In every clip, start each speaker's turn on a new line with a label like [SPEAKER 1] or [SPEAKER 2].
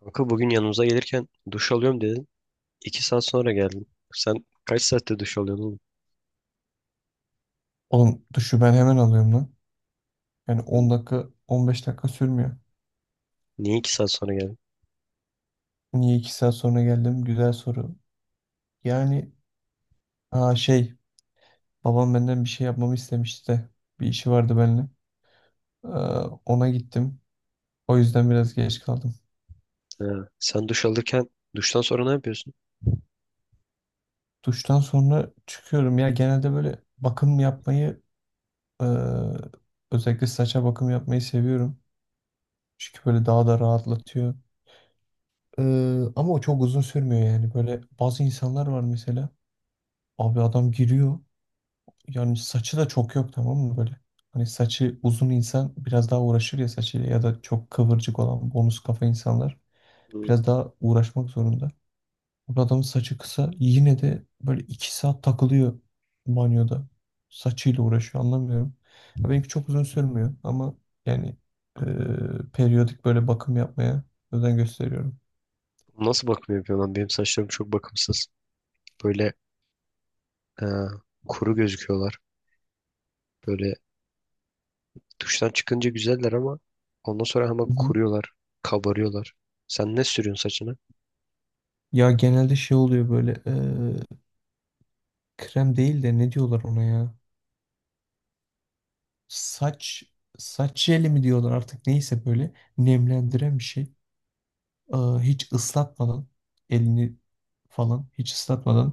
[SPEAKER 1] Kanka bugün yanımıza gelirken duş alıyorum dedin. 2 saat sonra geldin. Sen kaç saatte duş alıyorsun oğlum?
[SPEAKER 2] Oğlum duşu ben hemen alıyorum lan. Yani 10 dakika 15 dakika sürmüyor.
[SPEAKER 1] Niye 2 saat sonra geldin?
[SPEAKER 2] Niye 2 saat sonra geldim? Güzel soru. Yani aa şey babam benden bir şey yapmamı istemişti de bir işi vardı benimle. Ee, ona gittim. O yüzden biraz geç kaldım.
[SPEAKER 1] Ha, sen duş alırken duştan sonra ne yapıyorsun?
[SPEAKER 2] Duştan sonra çıkıyorum ya, genelde böyle bakım yapmayı, ee, özellikle saça bakım yapmayı seviyorum. Çünkü böyle daha da rahatlatıyor. Ee, ama o çok uzun sürmüyor yani. Böyle bazı insanlar var mesela. Abi adam giriyor. Yani saçı da çok yok, tamam mı böyle? Hani saçı uzun insan biraz daha uğraşır ya saçıyla, ya da çok kıvırcık olan bonus kafa insanlar
[SPEAKER 1] Hı.
[SPEAKER 2] biraz daha uğraşmak zorunda. Bu adamın saçı kısa, yine de böyle 2 saat takılıyor banyoda. Saçıyla uğraşıyor, anlamıyorum. Ya benimki çok uzun sürmüyor ama yani periyodik böyle bakım yapmaya özen gösteriyorum.
[SPEAKER 1] Nasıl bakım yapıyorsun lan? Benim saçlarım çok bakımsız. Böyle e, kuru gözüküyorlar. Böyle duştan çıkınca güzeller ama ondan sonra hemen
[SPEAKER 2] Hı hı.
[SPEAKER 1] kuruyorlar. Kabarıyorlar. Sen ne sürüyorsun saçına?
[SPEAKER 2] Ya genelde şey oluyor böyle. Krem değil de ne diyorlar ona ya? Saç saç jeli mi diyorlar, artık neyse, böyle nemlendiren bir şey. Hiç ıslatmadan elini falan hiç ıslatmadan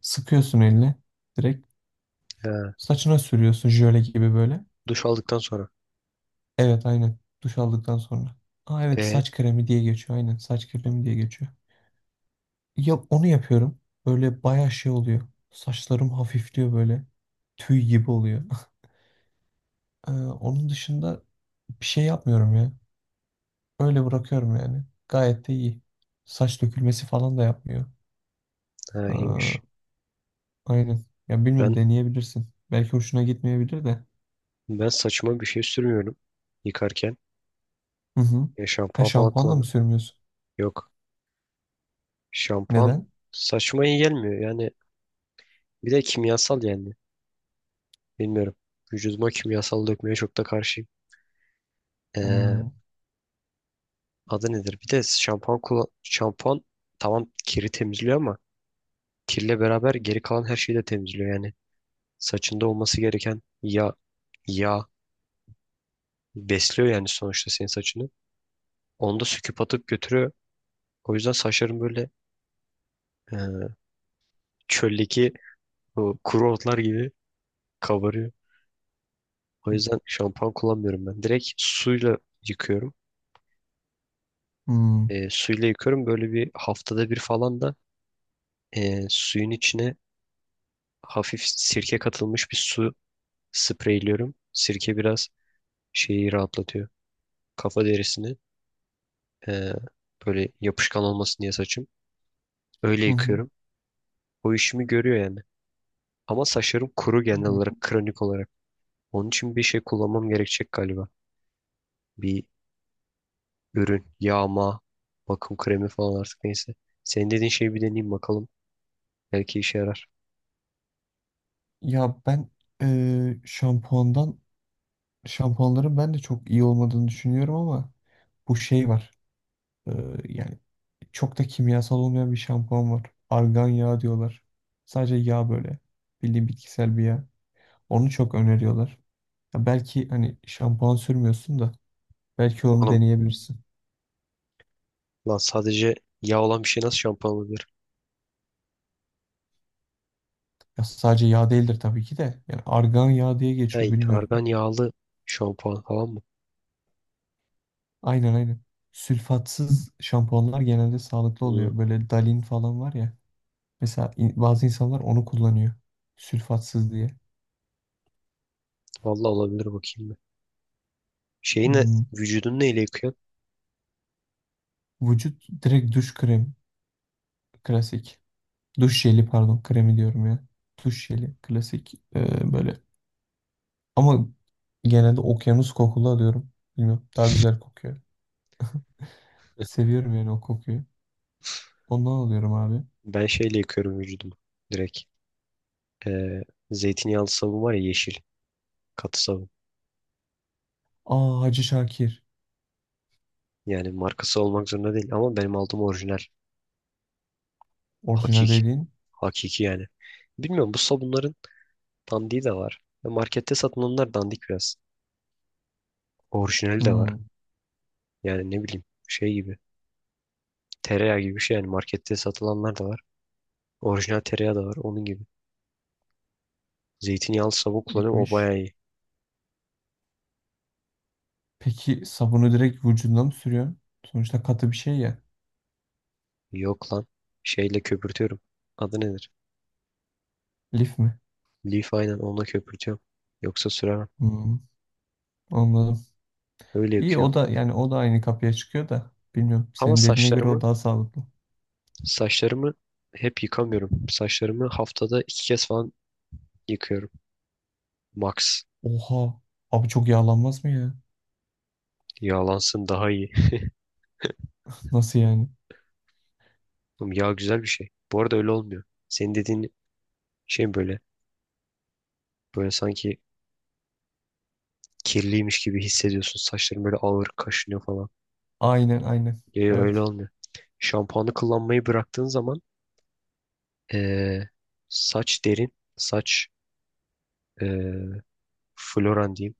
[SPEAKER 2] sıkıyorsun eline. Direkt
[SPEAKER 1] Ha,
[SPEAKER 2] saçına sürüyorsun, jöle gibi böyle.
[SPEAKER 1] duş aldıktan sonra.
[SPEAKER 2] Evet, aynen duş aldıktan sonra. Aa evet,
[SPEAKER 1] E,
[SPEAKER 2] saç kremi diye geçiyor, aynen saç kremi diye geçiyor. Ya onu yapıyorum. Böyle bayağı şey oluyor. Saçlarım hafifliyor böyle. Tüy gibi oluyor. Onun dışında bir şey yapmıyorum ya. Öyle bırakıyorum yani. Gayet de iyi. Saç dökülmesi falan da yapmıyor.
[SPEAKER 1] ha, iyiymiş.
[SPEAKER 2] Aa, aynen. Ya bilmiyorum,
[SPEAKER 1] Ben
[SPEAKER 2] deneyebilirsin. Belki hoşuna gitmeyebilir de.
[SPEAKER 1] ben saçıma bir şey sürmüyorum yıkarken.
[SPEAKER 2] Hı hı.
[SPEAKER 1] E,
[SPEAKER 2] Ha,
[SPEAKER 1] şampuan falan
[SPEAKER 2] şampuanla mı
[SPEAKER 1] kullanmıyorum.
[SPEAKER 2] sürmüyorsun?
[SPEAKER 1] Yok. Şampuan
[SPEAKER 2] Neden?
[SPEAKER 1] saçma iyi gelmiyor. Yani bir de kimyasal yani. Bilmiyorum. Vücuduma kimyasal dökmeye çok da karşıyım. Ee,
[SPEAKER 2] Hmm.
[SPEAKER 1] adı nedir? Bir de şampuan kullan şampuan tamam kiri temizliyor ama kirle beraber geri kalan her şeyi de temizliyor yani. Saçında olması gereken yağ besliyor yani sonuçta senin saçını. Onu da söküp atıp götürüyor. O yüzden saçların böyle e, çöldeki o kuru otlar gibi kabarıyor. O yüzden şampuan kullanmıyorum ben. Direkt suyla yıkıyorum.
[SPEAKER 2] Hmm.
[SPEAKER 1] Suyla yıkıyorum. Böyle bir haftada bir falan da suyun içine hafif sirke katılmış bir su spreyliyorum. Sirke biraz şeyi rahatlatıyor. Kafa derisini e, böyle yapışkan olmasın diye saçım. Öyle
[SPEAKER 2] Hı hı.
[SPEAKER 1] yıkıyorum. O işimi görüyor yani. Ama saçlarım kuru genel olarak, kronik olarak. Onun için bir şey kullanmam gerekecek galiba. Bir ürün, yağma, bakım kremi falan artık neyse. Senin dediğin şeyi bir deneyeyim bakalım. Belki işe yarar.
[SPEAKER 2] Ya ben şampuandan şampuanların ben de çok iyi olmadığını düşünüyorum, ama bu şey var. Eee, yani çok da kimyasal olmayan bir şampuan var. Argan yağı diyorlar. Sadece yağ böyle. Bildiğin bitkisel bir yağ. Onu çok öneriyorlar. Ya belki hani şampuan sürmüyorsun da, belki onu deneyebilirsin.
[SPEAKER 1] Lan sadece yağ olan bir şey nasıl şampuan olabilir?
[SPEAKER 2] Ya sadece yağ değildir tabii ki de. Yani argan yağı diye geçiyor,
[SPEAKER 1] Hey, argan
[SPEAKER 2] bilmiyorum.
[SPEAKER 1] yağlı şampuan falan mı?
[SPEAKER 2] Aynen, aynen. Sülfatsız şampuanlar genelde sağlıklı
[SPEAKER 1] Hmm,
[SPEAKER 2] oluyor. Böyle Dalin falan var ya. Mesela bazı insanlar onu kullanıyor. Sülfatsız diye.
[SPEAKER 1] vallahi olabilir bakayım ben. Şeyi ne,
[SPEAKER 2] Hmm.
[SPEAKER 1] vücudunu neyle yıkıyorsun?
[SPEAKER 2] Vücut direkt duş krem klasik. Duş jeli pardon, kremi diyorum ya. Duş jeli klasik. Böyle Ama genelde okyanus kokulu alıyorum. Bilmiyorum, daha güzel kokuyor. Seviyorum yani o kokuyu. Ondan alıyorum abi.
[SPEAKER 1] Ben şeyle yıkıyorum vücudumu. Direkt. Ee, zeytinyağlı sabun var ya yeşil. Katı sabun.
[SPEAKER 2] Aa, Hacı Şakir.
[SPEAKER 1] Yani markası olmak zorunda değil ama benim aldığım orijinal.
[SPEAKER 2] Orijinal
[SPEAKER 1] Hakiki.
[SPEAKER 2] dediğin.
[SPEAKER 1] Hakiki yani. Bilmiyorum bu sabunların dandiği de var. Ya markette satılanlar dandik biraz. Orijinali de var.
[SPEAKER 2] Hmm,
[SPEAKER 1] Yani ne bileyim şey gibi. Tereyağı gibi bir şey yani markette satılanlar da var. Orijinal tereyağı da var onun gibi. Zeytinyağlı savun kullanıyorum o
[SPEAKER 2] iyiymiş.
[SPEAKER 1] bayağı iyi.
[SPEAKER 2] Peki sabunu direkt vücuduna mı sürüyorsun? Sonuçta katı bir şey ya.
[SPEAKER 1] Yok lan. Şeyle köpürtüyorum. Adı nedir?
[SPEAKER 2] Lif mi?
[SPEAKER 1] Leaf aynen onunla köpürtüyorum. Yoksa süremem.
[SPEAKER 2] Hmm, anladım.
[SPEAKER 1] Öyle
[SPEAKER 2] İyi, o
[SPEAKER 1] yıkıyorum.
[SPEAKER 2] da yani o da aynı kapıya çıkıyor da. Bilmiyorum,
[SPEAKER 1] Ama
[SPEAKER 2] senin dediğine göre o
[SPEAKER 1] saçlarımı
[SPEAKER 2] daha sağlıklı.
[SPEAKER 1] saçlarımı hep yıkamıyorum. Saçlarımı haftada 2 kez falan yıkıyorum. Max.
[SPEAKER 2] Oha. Abi çok yağlanmaz mı ya?
[SPEAKER 1] Yağlansın daha iyi.
[SPEAKER 2] Nasıl yani?
[SPEAKER 1] Oğlum yağ güzel bir şey. Bu arada öyle olmuyor. Senin dediğin şey böyle. Böyle sanki kirliymiş gibi hissediyorsun. Saçların böyle ağır kaşınıyor falan.
[SPEAKER 2] Aynen, aynen.
[SPEAKER 1] Ya ya öyle
[SPEAKER 2] Evet.
[SPEAKER 1] olmuyor. Şampuanı kullanmayı bıraktığın zaman Ee, saç derin, saç e, floran diyeyim.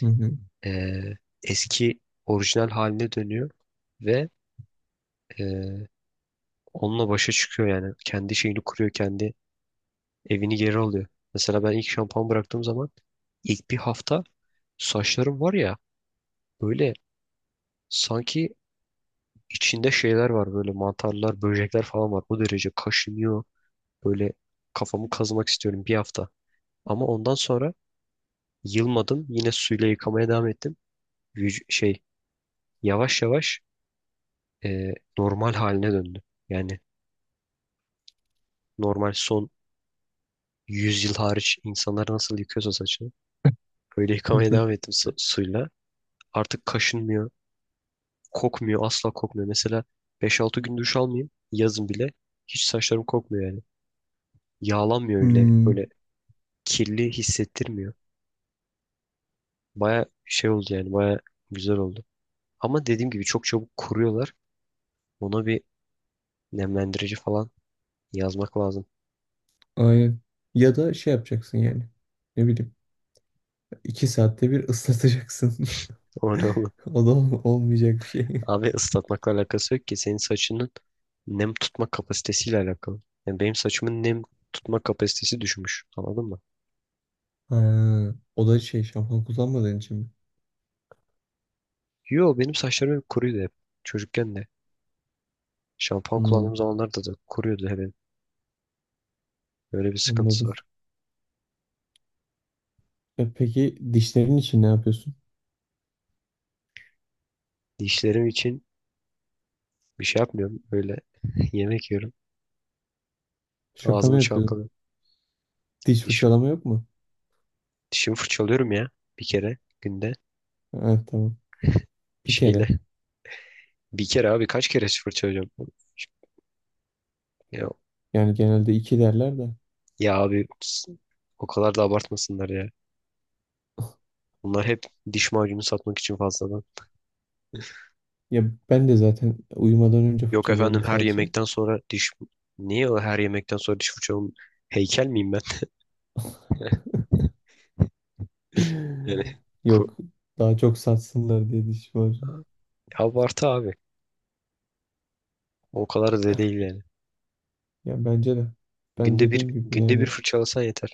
[SPEAKER 2] Hı hı.
[SPEAKER 1] Ee, eski orijinal haline dönüyor ve e, onunla başa çıkıyor yani. Kendi şeyini kuruyor, kendi evini geri alıyor. Mesela ben ilk şampuan bıraktığım zaman ilk bir hafta saçlarım var ya böyle sanki içinde şeyler var böyle mantarlar, böcekler falan var. O derece kaşınıyor. Böyle kafamı kazımak istiyorum bir hafta. Ama ondan sonra yılmadım. Yine suyla yıkamaya devam ettim. Şey yavaş yavaş normal haline döndü. Yani normal son 100 yıl hariç insanlar nasıl yıkıyorsa saçını öyle
[SPEAKER 2] Hı
[SPEAKER 1] yıkamaya
[SPEAKER 2] hı.
[SPEAKER 1] devam ettim suyla. Artık kaşınmıyor, kokmuyor, asla kokmuyor. Mesela beş altı gün duş almayayım yazın bile hiç saçlarım kokmuyor yani. Yağlanmıyor öyle
[SPEAKER 2] Hmm.
[SPEAKER 1] böyle kirli hissettirmiyor. Baya şey oldu yani baya güzel oldu. Ama dediğim gibi çok çabuk kuruyorlar. Ona bir nemlendirici falan yazmak lazım.
[SPEAKER 2] Aynen. Ya da şey yapacaksın yani. Ne bileyim. 2 saatte bir ıslatacaksın.
[SPEAKER 1] O ne olur.
[SPEAKER 2] O da olmayacak bir şey.
[SPEAKER 1] Abi ıslatmakla alakası yok ki. Senin saçının nem tutma kapasitesiyle alakalı. Yani benim saçımın nem tutma kapasitesi düşmüş. Anladın mı?
[SPEAKER 2] Ha, o da şey şampuan kullanmadığın için mi?
[SPEAKER 1] Yo benim saçlarım hep kuruydu hep. Çocukken de. Şampuan
[SPEAKER 2] Hmm,
[SPEAKER 1] kullandığım zamanlarda da kuruyordu hep. Böyle bir sıkıntısı
[SPEAKER 2] anladım.
[SPEAKER 1] var.
[SPEAKER 2] E peki, dişlerin için ne yapıyorsun?
[SPEAKER 1] Dişlerim için bir şey yapmıyorum. Böyle yemek yiyorum.
[SPEAKER 2] Şaka mı
[SPEAKER 1] Ağzımı
[SPEAKER 2] yapıyorsun?
[SPEAKER 1] çalkalıyorum.
[SPEAKER 2] Diş
[SPEAKER 1] Dişim,
[SPEAKER 2] fırçalama yok mu?
[SPEAKER 1] Dişimi fırçalıyorum ya. Bir kere günde.
[SPEAKER 2] Evet, tamam. Bir
[SPEAKER 1] Şeyle.
[SPEAKER 2] kere.
[SPEAKER 1] Bir kere abi kaç kere fırçalayacağım? Ya,
[SPEAKER 2] Yani genelde iki derler de.
[SPEAKER 1] ya, abi o kadar da abartmasınlar ya. Bunlar hep diş macunu satmak için fazladan.
[SPEAKER 2] Ya ben de zaten uyumadan önce
[SPEAKER 1] Yok efendim
[SPEAKER 2] fırçalıyorum
[SPEAKER 1] her
[SPEAKER 2] sadece.
[SPEAKER 1] yemekten sonra diş... Niye o her yemekten sonra diş fırçalım? Heykel miyim ben? Yani
[SPEAKER 2] Yok.
[SPEAKER 1] ku-
[SPEAKER 2] Daha çok satsınlar diye diş var.
[SPEAKER 1] abartı abi. O kadar da değil yani.
[SPEAKER 2] Ya bence de. Ben
[SPEAKER 1] Günde
[SPEAKER 2] dediğim
[SPEAKER 1] bir
[SPEAKER 2] gibi
[SPEAKER 1] günde bir
[SPEAKER 2] yani.
[SPEAKER 1] fırçalasan yeter.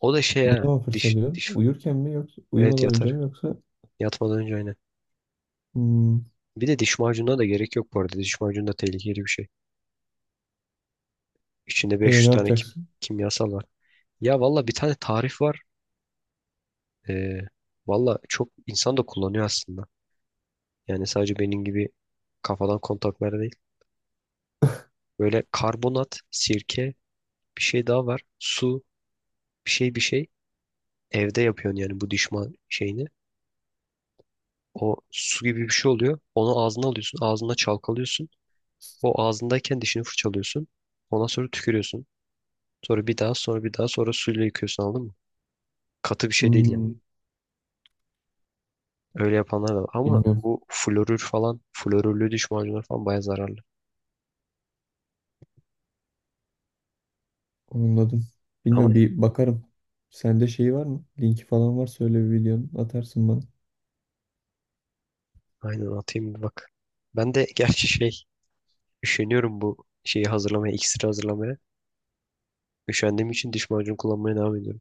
[SPEAKER 1] O da şey
[SPEAKER 2] Ne
[SPEAKER 1] ha.
[SPEAKER 2] zaman
[SPEAKER 1] Diş
[SPEAKER 2] fırçalıyorsun?
[SPEAKER 1] diş.
[SPEAKER 2] Uyurken mi, yoksa
[SPEAKER 1] Evet
[SPEAKER 2] uyumadan önce
[SPEAKER 1] yatar.
[SPEAKER 2] mi, yoksa
[SPEAKER 1] Yatmadan önce aynen.
[SPEAKER 2] hmm,
[SPEAKER 1] Bir de diş macununa da gerek yok bu arada. Diş macunu da tehlikeli bir şey. İçinde 500
[SPEAKER 2] ne
[SPEAKER 1] tane
[SPEAKER 2] yapacaksın?
[SPEAKER 1] kimyasal var. Ya valla bir tane tarif var. Ee, valla çok insan da kullanıyor aslında. Yani sadece benim gibi kafadan kontaklar değil. Böyle karbonat, sirke, bir şey daha var. Su, bir şey bir şey. Evde yapıyorsun yani bu dişman şeyini. O su gibi bir şey oluyor. Onu ağzına alıyorsun. Ağzına çalkalıyorsun. O ağzındayken dişini fırçalıyorsun. Ondan sonra tükürüyorsun. Sonra bir daha sonra bir daha sonra suyla yıkıyorsun anladın mı? Katı bir şey değil yani.
[SPEAKER 2] Hmm,
[SPEAKER 1] Öyle yapanlar da var. Ama
[SPEAKER 2] bilmiyorum.
[SPEAKER 1] bu florür falan, florürlü diş macunları falan baya zararlı.
[SPEAKER 2] Anladım.
[SPEAKER 1] Ama
[SPEAKER 2] Bilmiyorum, bir bakarım. Sende şey var mı? Linki falan var söyle, bir videonun atarsın bana.
[SPEAKER 1] aynen atayım bir bak. Ben de gerçi şey üşeniyorum bu şeyi hazırlamaya, iksiri hazırlamaya. Üşendiğim için diş macunu kullanmaya devam ediyorum.